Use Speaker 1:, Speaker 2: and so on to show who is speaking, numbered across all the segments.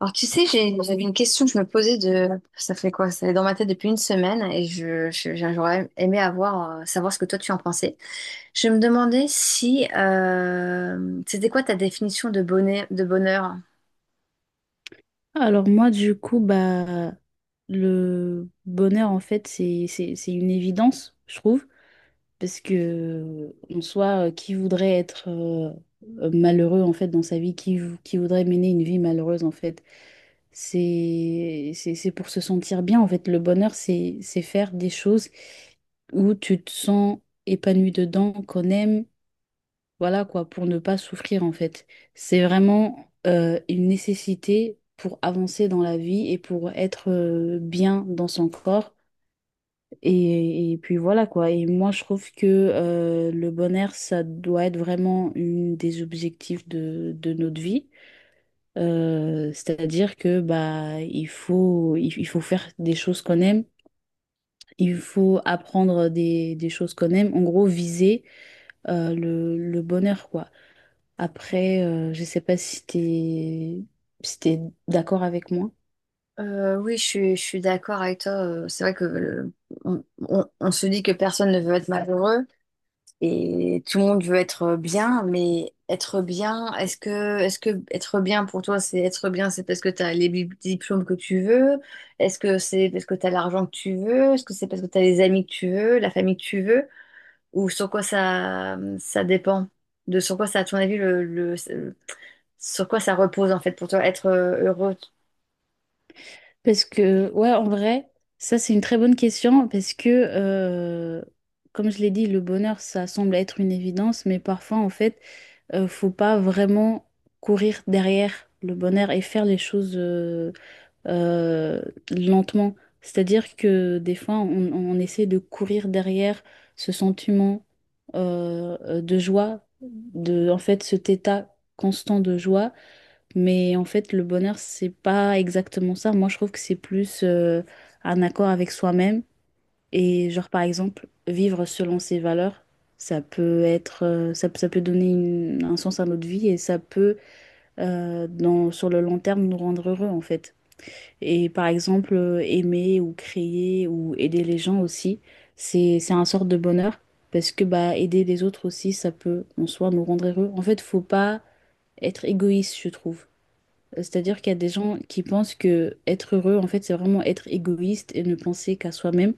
Speaker 1: Alors, tu sais, j'avais une question que je me posais de, ça fait quoi? Ça est dans ma tête depuis une semaine et j'aurais aimé avoir, savoir ce que toi tu en pensais. Je me demandais si, c'était quoi ta définition de bonheur, de bonheur?
Speaker 2: Alors moi, du coup, bah, le bonheur, en fait, c'est une évidence, je trouve, parce que, en soi, qui voudrait être malheureux, en fait, dans sa vie, qui voudrait mener une vie malheureuse, en fait, c'est pour se sentir bien, en fait. Le bonheur, c'est faire des choses où tu te sens épanoui dedans, qu'on aime. Voilà quoi, pour ne pas souffrir en fait. C'est vraiment une nécessité pour avancer dans la vie et pour être bien dans son corps. Et puis voilà quoi. Et moi je trouve que le bonheur, ça doit être vraiment une des objectifs de notre vie. C'est-à-dire que bah il faut, il faut faire des choses qu'on aime. Il faut apprendre des choses qu'on aime. En gros, viser le bonheur, quoi. Après, je sais pas si t'es si t'es d'accord avec moi.
Speaker 1: Oui, je suis d'accord avec toi. C'est vrai que on se dit que personne ne veut être malheureux, et tout le monde veut être bien, mais être bien, est-ce que être bien pour toi, c'est parce que tu as les diplômes que tu veux? Est-ce que c'est parce que tu as l'argent que tu veux? Est-ce que c'est parce que tu as les amis que tu veux, la famille que tu veux? Ou sur quoi ça dépend? De sur quoi ça, à ton avis, sur quoi ça repose en fait pour toi, être heureux?
Speaker 2: Parce que, ouais, en vrai, ça c'est une très bonne question parce que, comme je l'ai dit, le bonheur, ça semble être une évidence, mais parfois, en fait, faut pas vraiment courir derrière le bonheur et faire les choses, euh, lentement. C'est-à-dire que des fois, on essaie de courir derrière ce sentiment de joie, de, en fait, cet état constant de joie. Mais en fait, le bonheur, c'est pas exactement ça. Moi, je trouve que c'est plus un accord avec soi-même. Et genre, par exemple, vivre selon ses valeurs. Ça peut être, ça, ça peut donner un sens à notre vie et ça peut, dans, sur le long terme, nous rendre heureux en fait. Et par exemple, aimer ou créer ou aider les gens aussi, c'est un sort de bonheur parce que bah aider les autres aussi, ça peut en soi nous rendre heureux. En fait, faut pas être égoïste, je trouve. C'est-à-dire qu'il y a des gens qui pensent que être heureux, en fait, c'est vraiment être égoïste et ne penser qu'à soi-même,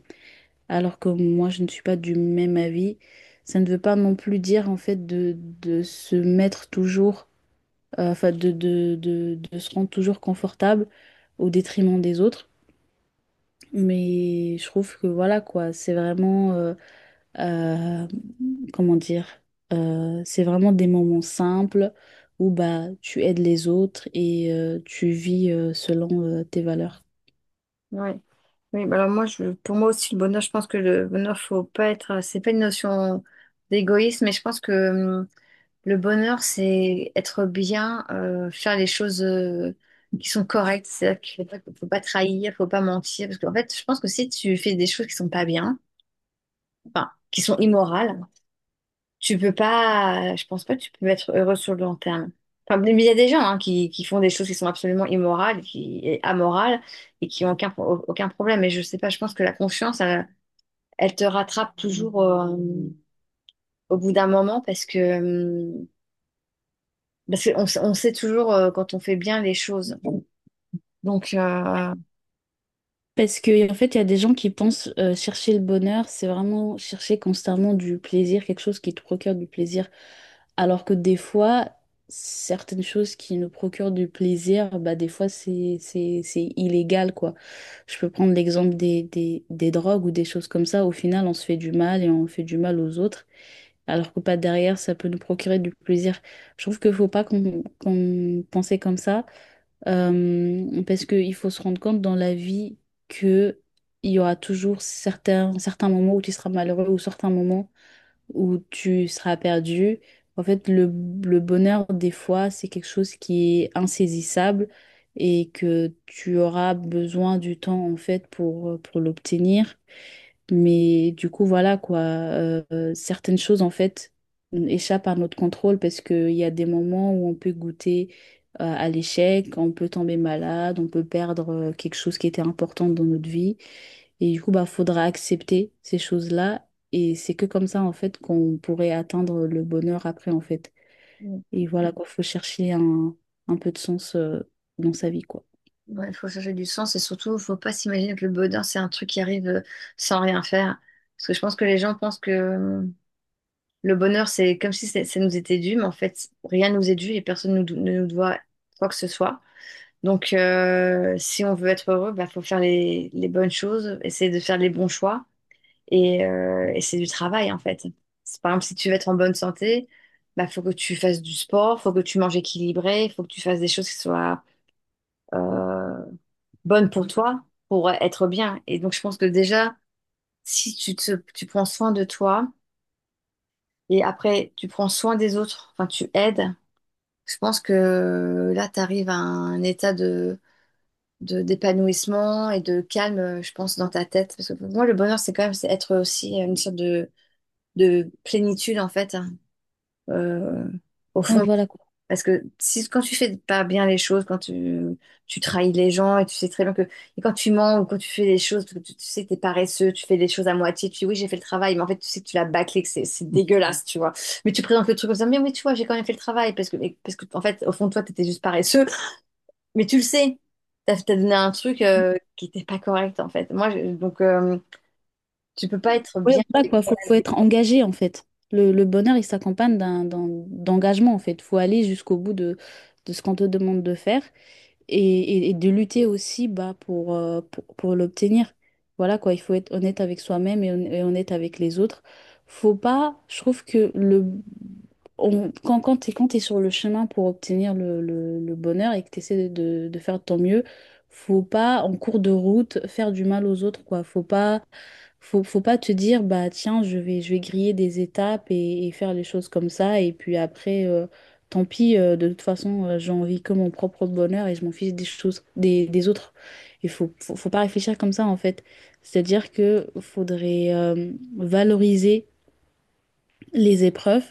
Speaker 2: alors que moi, je ne suis pas du même avis. Ça ne veut pas non plus dire, en fait, de se mettre toujours, enfin, de se rendre toujours confortable au détriment des autres. Mais je trouve que voilà quoi, c'est vraiment, euh, comment dire, c'est vraiment des moments simples où bah tu aides les autres et tu vis selon tes valeurs.
Speaker 1: Oui. Oui, bah alors moi, je, pour moi aussi, le bonheur, je pense que le bonheur, faut pas être, c'est pas une notion d'égoïsme, mais je pense que le bonheur, c'est être bien, faire les choses qui sont correctes. C'est-à-dire qu'il ne faut pas, faut pas trahir, faut pas mentir. Parce qu'en fait, je pense que si tu fais des choses qui sont pas bien, enfin, qui sont immorales, tu peux pas, je pense pas que tu peux être heureux sur le long terme. Enfin, mais il y a des gens hein, qui font des choses qui sont absolument immorales, qui, et amorales, et qui ont aucun, aucun problème. Mais je sais pas, je pense que la conscience, elle, elle te rattrape toujours au bout d'un moment parce que parce on sait toujours quand on fait bien les choses. Donc, euh,
Speaker 2: Parce que, en fait, il y a des gens qui pensent chercher le bonheur, c'est vraiment chercher constamment du plaisir, quelque chose qui te procure du plaisir. Alors que des fois, certaines choses qui nous procurent du plaisir, bah, des fois, c'est illégal, quoi. Je peux prendre l'exemple des drogues ou des choses comme ça. Au final, on se fait du mal et on fait du mal aux autres. Alors que pas derrière, ça peut nous procurer du plaisir. Je trouve qu'il faut pas qu'on pensait comme ça. Parce qu'il faut se rendre compte dans la vie que il y aura toujours certains moments où tu seras malheureux ou certains moments où tu seras perdu. En fait, le bonheur, des fois, c'est quelque chose qui est insaisissable et que tu auras besoin du temps, en fait, pour l'obtenir. Mais du coup, voilà quoi, certaines choses en fait échappent à notre contrôle parce qu'il y a des moments où on peut goûter à l'échec, on peut tomber malade, on peut perdre quelque chose qui était important dans notre vie. Et du coup, bah, faudra accepter ces choses-là. Et c'est que comme ça en fait qu'on pourrait atteindre le bonheur après en fait. Et voilà quoi, faut chercher un peu de sens dans sa vie quoi.
Speaker 1: ouais, il faut chercher du sens et surtout, il faut pas s'imaginer que le bonheur, c'est un truc qui arrive sans rien faire. Parce que je pense que les gens pensent que le bonheur, c'est comme si ça nous était dû, mais en fait, rien nous est dû et personne nous ne nous doit quoi que ce soit. Donc, si on veut être heureux, bah faut faire les bonnes choses, essayer de faire les bons choix et, et c'est du travail, en fait. Par exemple, si tu veux être en bonne santé, bah, faut que tu fasses du sport, faut que tu manges équilibré, faut que tu fasses des choses qui soient euh, bonnes pour toi, pour être bien. Et donc, je pense que déjà, si tu prends soin de toi et après, tu prends soin des autres, enfin, tu aides, je pense que là, tu arrives à un état de, d'épanouissement et de calme, je pense, dans ta tête. Parce que pour moi, le bonheur, c'est quand même c'est être aussi une sorte de plénitude, en fait euh, au
Speaker 2: Ouais,
Speaker 1: fond.
Speaker 2: voilà quoi.
Speaker 1: Parce que si, quand tu fais pas bien les choses, quand tu trahis les gens et tu sais très bien que. Et quand tu mens ou quand tu fais les choses, parce que tu sais que t'es paresseux, tu fais les choses à moitié, tu dis oui, j'ai fait le travail, mais en fait, tu sais que tu l'as bâclé, que c'est dégueulasse, tu vois. Mais tu présentes le truc comme ça, mais oui, tu vois, j'ai quand même fait le travail, parce que, parce que en fait, au fond de toi, t'étais juste paresseux, mais tu le sais. T'as donné un truc qui n'était pas correct, en fait. Moi, donc, tu peux pas être
Speaker 2: Ouais,
Speaker 1: bien.
Speaker 2: voilà quoi, faut, faut être engagé en fait. Le bonheur, il s'accompagne d'engagement en fait. Faut aller jusqu'au bout de ce qu'on te demande de faire et de lutter aussi bah, pour l'obtenir. Voilà quoi, il faut être honnête avec soi-même et honnête avec les autres. Faut pas, je trouve que quand, quand t'es sur le chemin pour obtenir le bonheur et que t'essaies de faire de ton mieux, faut pas, en cours de route, faire du mal aux autres, quoi. Faut pas, faut pas te dire, bah, tiens, je vais griller des étapes et faire les choses comme ça. Et puis après, tant pis, de toute façon, j'ai envie que mon propre bonheur et je m'en fiche des choses, des autres. Il faut, faut pas réfléchir comme ça, en fait. C'est-à-dire que faudrait, valoriser les épreuves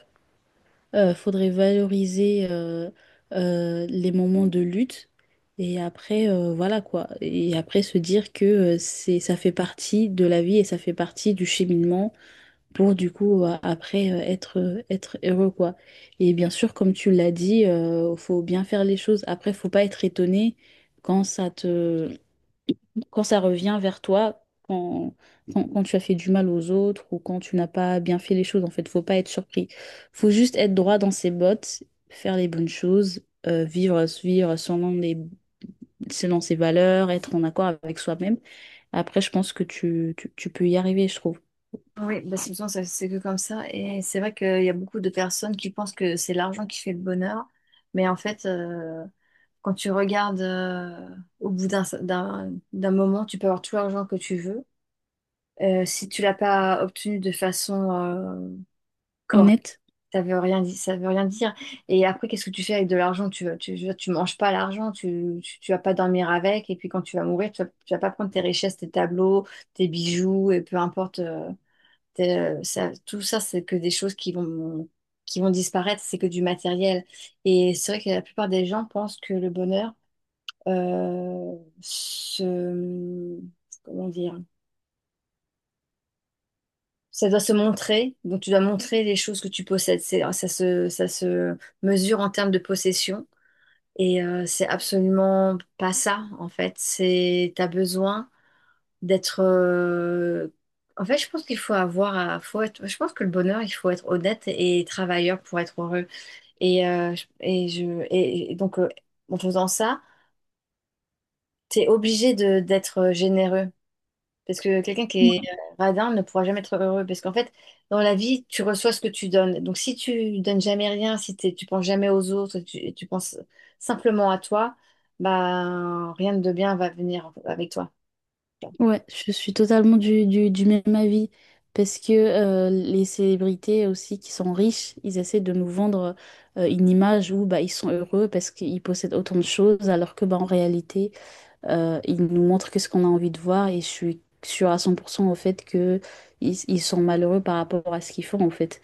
Speaker 2: faudrait valoriser les moments de lutte et après voilà quoi. Et après se dire que c'est ça fait partie de la vie et ça fait partie du cheminement pour du coup après être être heureux quoi. Et bien sûr comme tu l'as dit, faut bien faire les choses. Après faut pas être étonné quand ça te quand ça revient vers toi, quand tu as fait du mal aux autres ou quand tu n'as pas bien fait les choses, en fait, faut pas être surpris. Faut juste être droit dans ses bottes, faire les bonnes choses, vivre, vivre selon les, selon ses valeurs, être en accord avec soi-même. Après, je pense que tu, tu peux y arriver, je trouve.
Speaker 1: Oui, bah, c'est besoin, c'est que comme ça. Et c'est vrai qu'il y a beaucoup de personnes qui pensent que c'est l'argent qui fait le bonheur. Mais en fait, quand tu regardes au bout d'un d'un moment, tu peux avoir tout l'argent que tu veux. Si tu l'as pas obtenu de façon,
Speaker 2: Honnête.
Speaker 1: ça veut rien dire, ça veut rien dire. Et après, qu'est-ce que tu fais avec de l'argent? Tu, je veux dire, tu manges pas l'argent, tu vas pas dormir avec. Et puis quand tu vas mourir, tu vas pas prendre tes richesses, tes tableaux, tes bijoux, et peu importe. Ça, tout ça, c'est que des choses qui vont disparaître, c'est que du matériel. Et c'est vrai que la plupart des gens pensent que le bonheur, euh, se, comment dire, ça doit se montrer. Donc, tu dois montrer les choses que tu possèdes. C'est, ça se mesure en termes de possession. Et c'est absolument pas ça, en fait. C'est, t'as besoin d'être en fait je pense qu'il faut avoir faut être je pense que le bonheur il faut être honnête et travailleur pour être heureux et et je et donc en faisant ça t'es obligé de d'être généreux parce que quelqu'un qui est radin ne pourra jamais être heureux parce qu'en fait dans la vie tu reçois ce que tu donnes donc si tu donnes jamais rien si tu penses jamais aux autres si tu penses simplement à toi bah rien de bien va venir avec toi,
Speaker 2: Ouais, je suis totalement du même avis parce que les célébrités aussi qui sont riches, ils essaient de nous vendre une image où bah, ils sont heureux parce qu'ils possèdent autant de choses alors que bah, en réalité, ils nous montrent que ce qu'on a envie de voir et je suis sûre à 100% au fait que ils sont malheureux par rapport à ce qu'ils font en fait.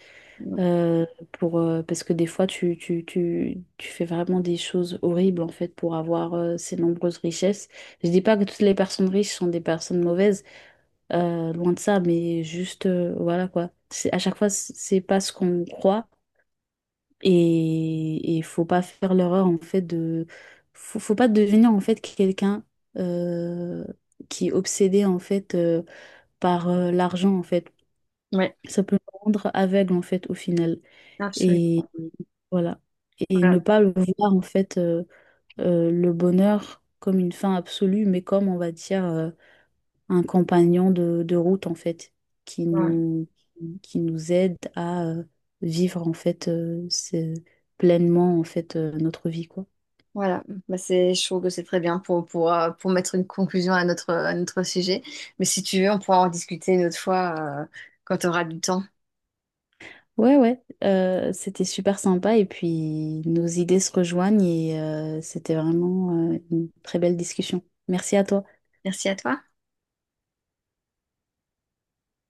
Speaker 2: Euh, pour, parce que des fois, tu fais vraiment des choses horribles en fait pour avoir ces nombreuses richesses. Je dis pas que toutes les personnes riches sont des personnes mauvaises, loin de ça, mais juste voilà quoi. C'est, à chaque fois, c'est pas ce qu'on croit et il faut pas faire l'erreur en fait de faut pas devenir en fait quelqu'un euh, qui est obsédé en fait par l'argent en fait.
Speaker 1: ouais,
Speaker 2: Ça peut le rendre aveugle en fait au final. Et
Speaker 1: absolument,
Speaker 2: voilà. Et
Speaker 1: voilà.
Speaker 2: ne pas le voir en fait le bonheur comme une fin absolue, mais comme on va dire un compagnon de route en fait qui
Speaker 1: Ouais.
Speaker 2: nous qui nous aide à vivre en fait pleinement en fait notre vie quoi.
Speaker 1: Voilà, bah c'est, je trouve que c'est très bien pour mettre une conclusion à notre sujet. Mais si tu veux, on pourra en discuter une autre fois, quand tu auras du temps.
Speaker 2: Ouais ouais, c'était super sympa et puis nos idées se rejoignent et c'était vraiment une très belle discussion. Merci à toi.
Speaker 1: Merci à toi.